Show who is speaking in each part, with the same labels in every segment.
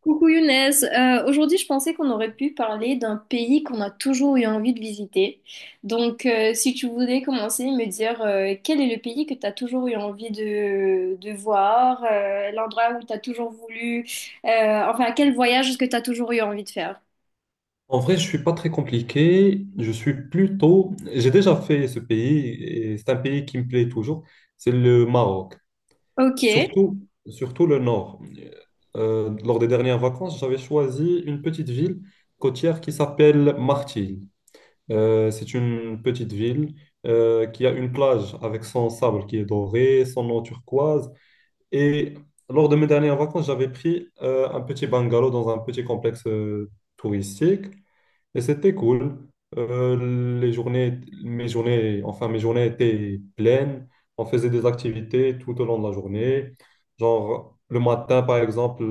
Speaker 1: Coucou Younes. Aujourd'hui je pensais qu'on aurait pu parler d'un pays qu'on a toujours eu envie de visiter. Donc si tu voulais commencer, me dire quel est le pays que tu as toujours eu envie de voir, l'endroit où tu as toujours voulu, enfin quel voyage est-ce que tu as toujours eu envie de faire?
Speaker 2: En vrai, je suis pas très compliqué. Je suis plutôt. J'ai déjà fait ce pays et c'est un pays qui me plaît toujours. C'est le Maroc.
Speaker 1: Ok.
Speaker 2: Surtout, surtout le nord. Lors des dernières vacances, j'avais choisi une petite ville côtière qui s'appelle Martil. C'est une petite ville qui a une plage avec son sable qui est doré, son eau turquoise. Et lors de mes dernières vacances, j'avais pris un petit bungalow dans un petit complexe touristique. Et c'était cool. Les journées, mes journées, enfin mes journées étaient pleines. On faisait des activités tout au long de la journée. Genre le matin, par exemple,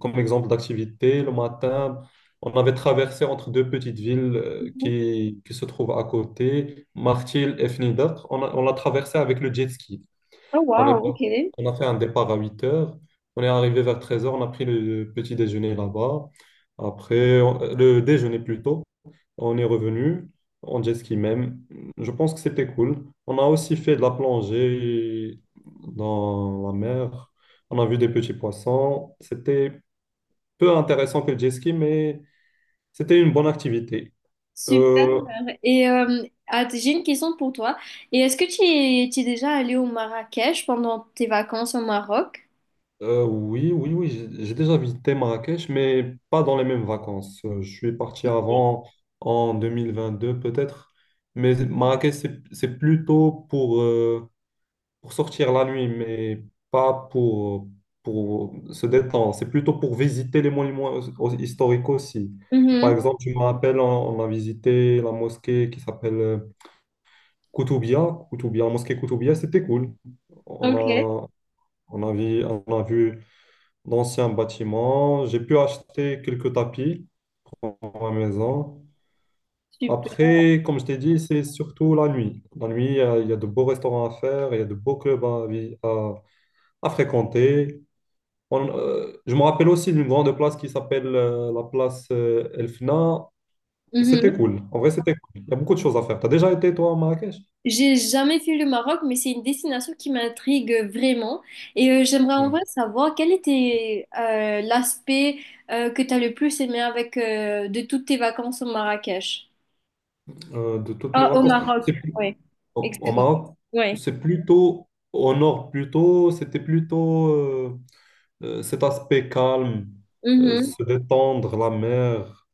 Speaker 2: comme exemple d'activité, le matin, on avait traversé entre deux petites villes
Speaker 1: Mhm.
Speaker 2: qui se trouvent à côté, Martil et Fnidat. On l'a traversé avec le jet ski.
Speaker 1: Oh
Speaker 2: On est,
Speaker 1: wow, ok.
Speaker 2: on a fait un départ à 8 heures. On est arrivé vers 13 heures, on a pris le petit déjeuner là-bas. Après, le déjeuner plutôt. On est revenu en jet ski même. Je pense que c'était cool. On a aussi fait de la plongée dans la mer. On a vu des petits poissons. C'était peu intéressant que le jet ski, mais c'était une bonne activité.
Speaker 1: Super.
Speaker 2: Euh,
Speaker 1: Et ah, j'ai une question pour toi. Et est-ce que tu es déjà allé au Marrakech pendant tes vacances au Maroc?
Speaker 2: oui, oui, oui, j'ai déjà visité Marrakech, mais pas dans les mêmes vacances. Je suis parti avant, en 2022 peut-être. Mais Marrakech, c'est plutôt pour sortir la nuit, mais pas pour, pour se détendre. C'est plutôt pour visiter les monuments historiques aussi. Par
Speaker 1: Mhm.
Speaker 2: exemple, je me rappelle, on a visité la mosquée qui s'appelle Koutoubia. Koutoubia, la mosquée Koutoubia, c'était cool. On
Speaker 1: Ok,
Speaker 2: a, on a vu d'anciens bâtiments. J'ai pu acheter quelques tapis pour ma maison.
Speaker 1: super.
Speaker 2: Après, comme je t'ai dit, c'est surtout la nuit. La nuit, il y a de beaux restaurants à faire, il y a de beaux clubs à à fréquenter. Je me rappelle aussi d'une grande place qui s'appelle la place Elfna. C'était
Speaker 1: Mhm.
Speaker 2: cool. En vrai, c'était cool. Il y a beaucoup de choses à faire. Tu as déjà été, toi, à Marrakech?
Speaker 1: J'ai jamais fait le Maroc, mais c'est une destination qui m'intrigue vraiment. Et j'aimerais en
Speaker 2: Hmm.
Speaker 1: vrai savoir quel était l'aspect que tu as le plus aimé avec de toutes tes vacances au Marrakech.
Speaker 2: De toutes mes
Speaker 1: Ah, au
Speaker 2: vacances.
Speaker 1: Maroc, ouais.
Speaker 2: Au, au
Speaker 1: Excuse-moi.
Speaker 2: Maroc,
Speaker 1: Ouais.
Speaker 2: c'est plutôt au nord, plutôt, c'était plutôt cet aspect calme,
Speaker 1: Mhm.
Speaker 2: se détendre, la mer,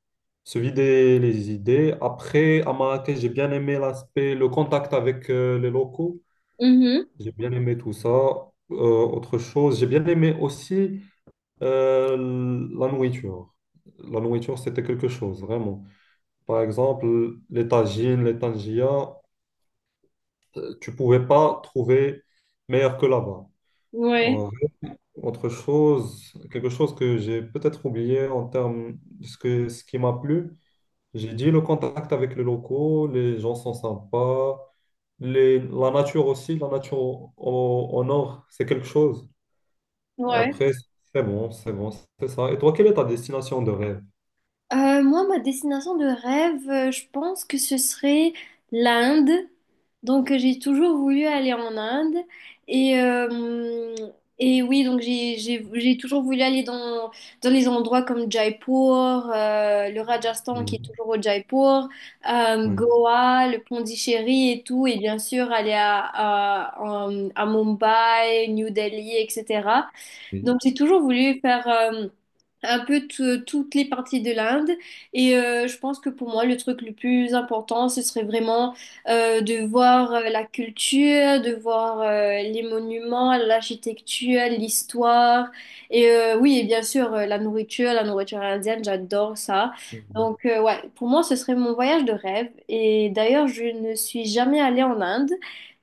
Speaker 2: se vider les idées. Après, à Marrakech, j'ai bien aimé l'aspect, le contact avec les locaux.
Speaker 1: Mhm.
Speaker 2: J'ai bien aimé tout ça. Autre chose, j'ai bien aimé aussi euh, la nourriture. La nourriture, c'était quelque chose, vraiment. Par exemple, les tagines, les tangias, tu pouvais pas trouver meilleur que là-bas.
Speaker 1: Ouais.
Speaker 2: Euh, autre chose, quelque chose que j'ai peut-être oublié en termes de ce qui m'a plu, j'ai dit le contact avec les locaux, les gens sont sympas, la nature aussi, la nature au nord, c'est quelque chose.
Speaker 1: Ouais.
Speaker 2: Après, c'est bon, c'est ça. Et toi, quelle est ta destination de rêve?
Speaker 1: Moi, ma destination de rêve, je pense que ce serait l'Inde. Donc, j'ai toujours voulu aller en Inde. Et, euh, et oui, donc j'ai toujours voulu aller dans les endroits comme Jaipur, le Rajasthan qui est
Speaker 2: Mhm.
Speaker 1: toujours au Jaipur,
Speaker 2: Oui,
Speaker 1: Goa, le Pondichéry et tout. Et bien sûr, aller à Mumbai, New Delhi, etc.
Speaker 2: oui.
Speaker 1: Donc, j'ai toujours voulu faire un peu toutes les parties de l'Inde. Et je pense que pour moi, le truc le plus important, ce serait vraiment de voir la culture, de voir les monuments, l'architecture, l'histoire. Et oui, et bien sûr, la nourriture indienne, j'adore ça.
Speaker 2: Mhm.
Speaker 1: Donc, ouais, pour moi, ce serait mon voyage de rêve. Et d'ailleurs, je ne suis jamais allée en Inde.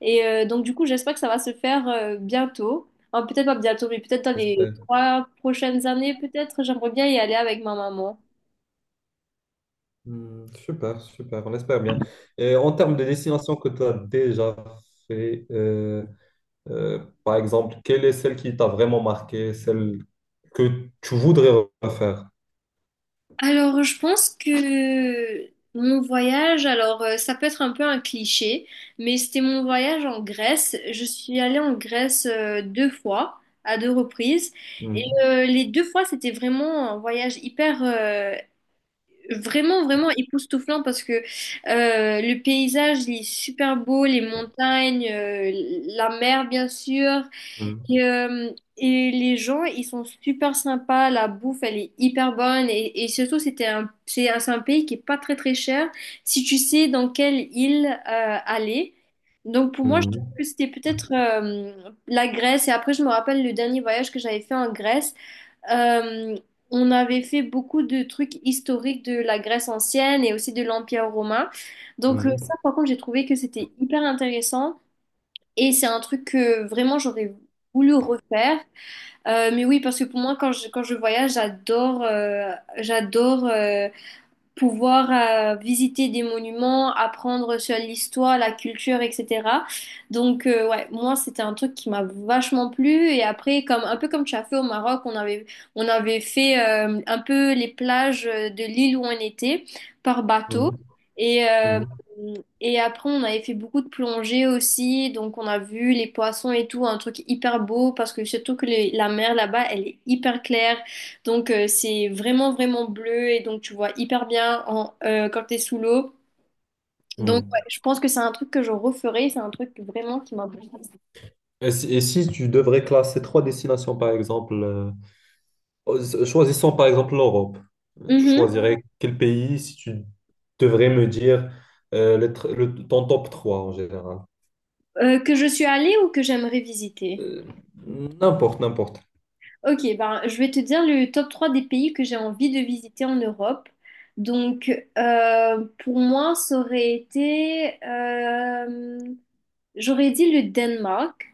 Speaker 1: Et donc, du coup, j'espère que ça va se faire bientôt. Enfin, peut-être pas bientôt, mais peut-être dans les
Speaker 2: J'espère.
Speaker 1: 3 prochaines années, peut-être, j'aimerais bien y aller avec ma maman.
Speaker 2: Mhm. Super, super, on espère bien. Et en termes de destination que tu as déjà fait, par exemple, quelle est celle qui t'a vraiment marqué, celle que tu voudrais refaire?
Speaker 1: Alors, je pense que mon voyage, alors ça peut être un peu un cliché, mais c'était mon voyage en Grèce. Je suis allée en Grèce deux fois, à deux reprises, et
Speaker 2: Mhm,
Speaker 1: les deux fois c'était vraiment un voyage hyper, vraiment vraiment époustouflant parce que le paysage il est super beau, les montagnes, la mer bien sûr.
Speaker 2: mhm,
Speaker 1: Et, euh, et les gens, ils sont super sympas, la bouffe, elle est hyper bonne. Et surtout, c'est un pays qui est pas très très cher si tu sais dans quelle île aller. Donc pour moi, je trouve
Speaker 2: mhm,
Speaker 1: que c'était peut-être la Grèce. Et après, je me rappelle le dernier voyage que j'avais fait en Grèce. Euh, on avait fait beaucoup de trucs historiques de la Grèce ancienne et aussi de l'Empire romain. Donc ça,
Speaker 2: mhm,
Speaker 1: par contre, j'ai trouvé que c'était hyper intéressant. Et c'est un truc que vraiment j'aurais voulu refaire. Mais oui, parce que pour moi, quand je voyage, j'adore pouvoir visiter des monuments, apprendre sur l'histoire, la culture, etc. Donc, ouais, moi, c'était un truc qui m'a vachement plu. Et après, comme, un peu comme tu as fait au Maroc, on avait fait un peu les plages de l'île où on était par bateau.
Speaker 2: mhm,
Speaker 1: Et, euh,
Speaker 2: mhm,
Speaker 1: et après, on avait fait beaucoup de plongées aussi. Donc, on a vu les poissons et tout, un truc hyper beau parce que surtout que la mer là-bas, elle est hyper claire. Donc c'est vraiment vraiment bleu et donc tu vois hyper bien quand t'es sous l'eau. Donc ouais,
Speaker 2: mhm.
Speaker 1: je pense que c'est un truc que je referai, c'est un truc vraiment qui m'a bouleversée.
Speaker 2: Et si tu devrais classer trois destinations, par exemple, Choisissons par exemple l'Europe. Tu Mhm.
Speaker 1: Mhm.
Speaker 2: choisirais quel pays si tu devrais me dire ton top 3 en général?
Speaker 1: Que je suis allée ou que j'aimerais visiter?
Speaker 2: Euh, n'importe, n'importe.
Speaker 1: Ok, ben, je vais te dire le top 3 des pays que j'ai envie de visiter en Europe. Donc, pour moi, ça aurait été j'aurais dit le Danemark.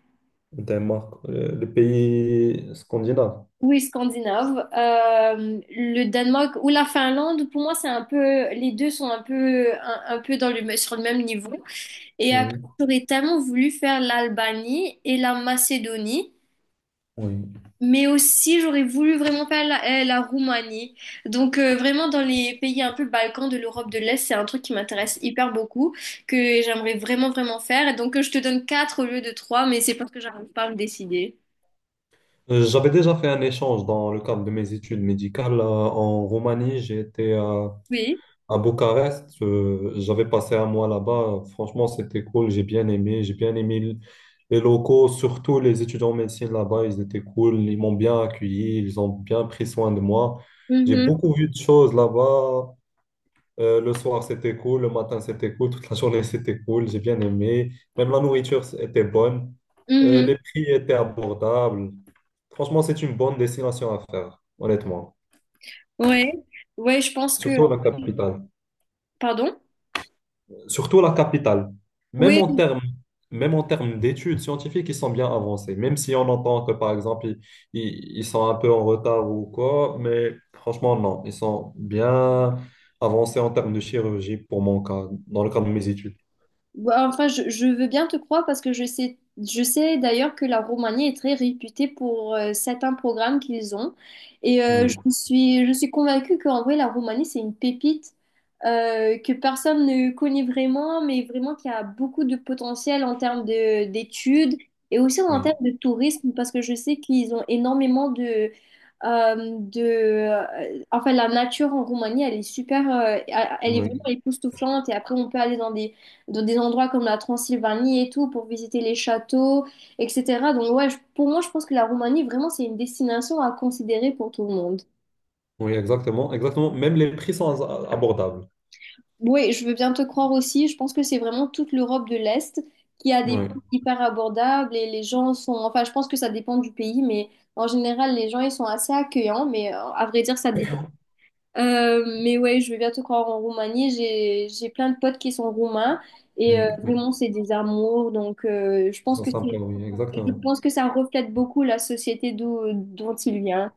Speaker 2: Danemark, le pays scandinave.
Speaker 1: Oui, scandinave. Le Danemark ou la Finlande, pour moi, c'est un peu, les deux sont un peu, un peu sur le même niveau. Et après,
Speaker 2: Mhm.
Speaker 1: j'aurais tellement voulu faire l'Albanie et la Macédonie,
Speaker 2: Oui.
Speaker 1: mais aussi j'aurais voulu vraiment faire la Roumanie. Donc vraiment dans les pays un peu Balkans de l'Europe de l'Est, c'est un truc qui m'intéresse hyper beaucoup, que j'aimerais vraiment vraiment faire. Et donc je te donne quatre au lieu de trois, mais c'est parce que j'arrive pas à me décider.
Speaker 2: J'avais déjà fait un échange dans le cadre de mes études médicales en Roumanie. J'ai été à
Speaker 1: Oui.
Speaker 2: À Bucarest, j'avais passé un mois là-bas. Franchement, c'était cool. J'ai bien aimé. Les locaux, surtout les étudiants en médecine là-bas. Ils étaient cool. Ils m'ont bien accueilli. Ils ont bien pris soin de moi. J'ai
Speaker 1: Mhm.
Speaker 2: beaucoup vu de choses là-bas. Le soir, c'était cool. Le matin, c'était cool. Toute la journée, c'était cool. J'ai bien aimé. Même la nourriture était bonne.
Speaker 1: Mhm.
Speaker 2: Les prix étaient abordables. Franchement, c'est une bonne destination à faire, honnêtement.
Speaker 1: Ouais, ouais, je pense que.
Speaker 2: Surtout la capitale.
Speaker 1: Pardon?
Speaker 2: Surtout la capitale. Même
Speaker 1: Oui,
Speaker 2: en termes, même en termes d'études scientifiques, ils sont bien avancés. Même si on entend que, par exemple, ils sont un peu en retard ou quoi, mais franchement, non. Ils sont bien avancés en termes de chirurgie pour mon cas, dans le cadre de mes études.
Speaker 1: bah, enfin, je veux bien te croire parce que je sais d'ailleurs que la Roumanie est très réputée pour certains programmes qu'ils ont. Et
Speaker 2: Oui,
Speaker 1: je suis convaincue qu'en vrai, la Roumanie, c'est une pépite que personne ne connaît vraiment, mais vraiment qui a beaucoup de potentiel en termes d'études et aussi en
Speaker 2: oui,
Speaker 1: termes de tourisme parce que je sais qu'ils ont énormément de enfin, la nature en Roumanie, elle est super, elle est vraiment
Speaker 2: oui,
Speaker 1: époustouflante et après, on peut aller dans des endroits comme la Transylvanie et tout, pour visiter les châteaux, etc. Donc ouais, pour moi, je pense que la Roumanie, vraiment, c'est une destination à considérer pour tout le monde.
Speaker 2: oui, exactement, exactement. Même les prix sont abordables.
Speaker 1: Oui, je veux bien te croire aussi, je pense que c'est vraiment toute l'Europe de l'Est qui a des
Speaker 2: Oui,
Speaker 1: prix hyper abordables et les gens sont, enfin, je pense que ça dépend du pays, mais en général, les gens, ils sont assez accueillants, mais à vrai dire, ça dépend. Mais ouais, je veux bien te croire en Roumanie, j'ai plein de potes qui sont roumains et
Speaker 2: mm, oui,
Speaker 1: vraiment, c'est des amours, donc je
Speaker 2: ils
Speaker 1: pense
Speaker 2: sont
Speaker 1: que
Speaker 2: sympas,
Speaker 1: c'est
Speaker 2: oui,
Speaker 1: Je
Speaker 2: exactement.
Speaker 1: pense que ça reflète beaucoup la société d'où, dont il vient.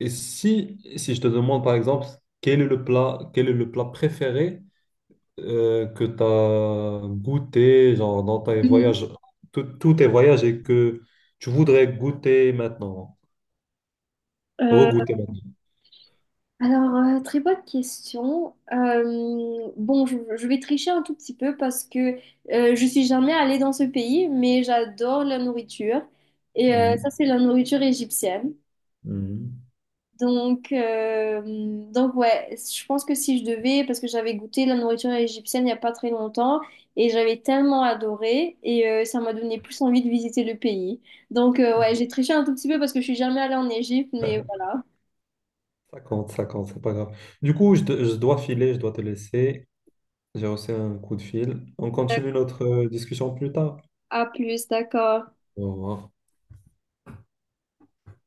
Speaker 2: Et si, si je te demande, par exemple, quel est le plat, quel est le plat préféré? Que tu as goûté genre, dans tes
Speaker 1: Mhm.
Speaker 2: voyages, tous tes voyages et que tu voudrais goûter maintenant,
Speaker 1: Euh,
Speaker 2: regoûter maintenant.
Speaker 1: alors, très bonne question. Bon, je vais tricher un tout petit peu parce que je suis jamais allée dans ce pays, mais j'adore la nourriture. Et ça,
Speaker 2: Mhm.
Speaker 1: c'est la nourriture égyptienne.
Speaker 2: Mhm.
Speaker 1: Donc, euh, donc ouais, je pense que si je devais, parce que j'avais goûté la nourriture égyptienne il n'y a pas très longtemps et j'avais tellement adoré et ça m'a donné plus envie de visiter le pays. Donc ouais, j'ai triché un tout petit peu parce que je suis jamais allée en Égypte, mais voilà.
Speaker 2: Ça compte, c'est pas grave. Du coup, je dois filer, je dois te laisser. J'ai reçu un coup de fil. On continue
Speaker 1: D'accord.
Speaker 2: notre discussion plus tard.
Speaker 1: À plus, d'accord.
Speaker 2: Au revoir.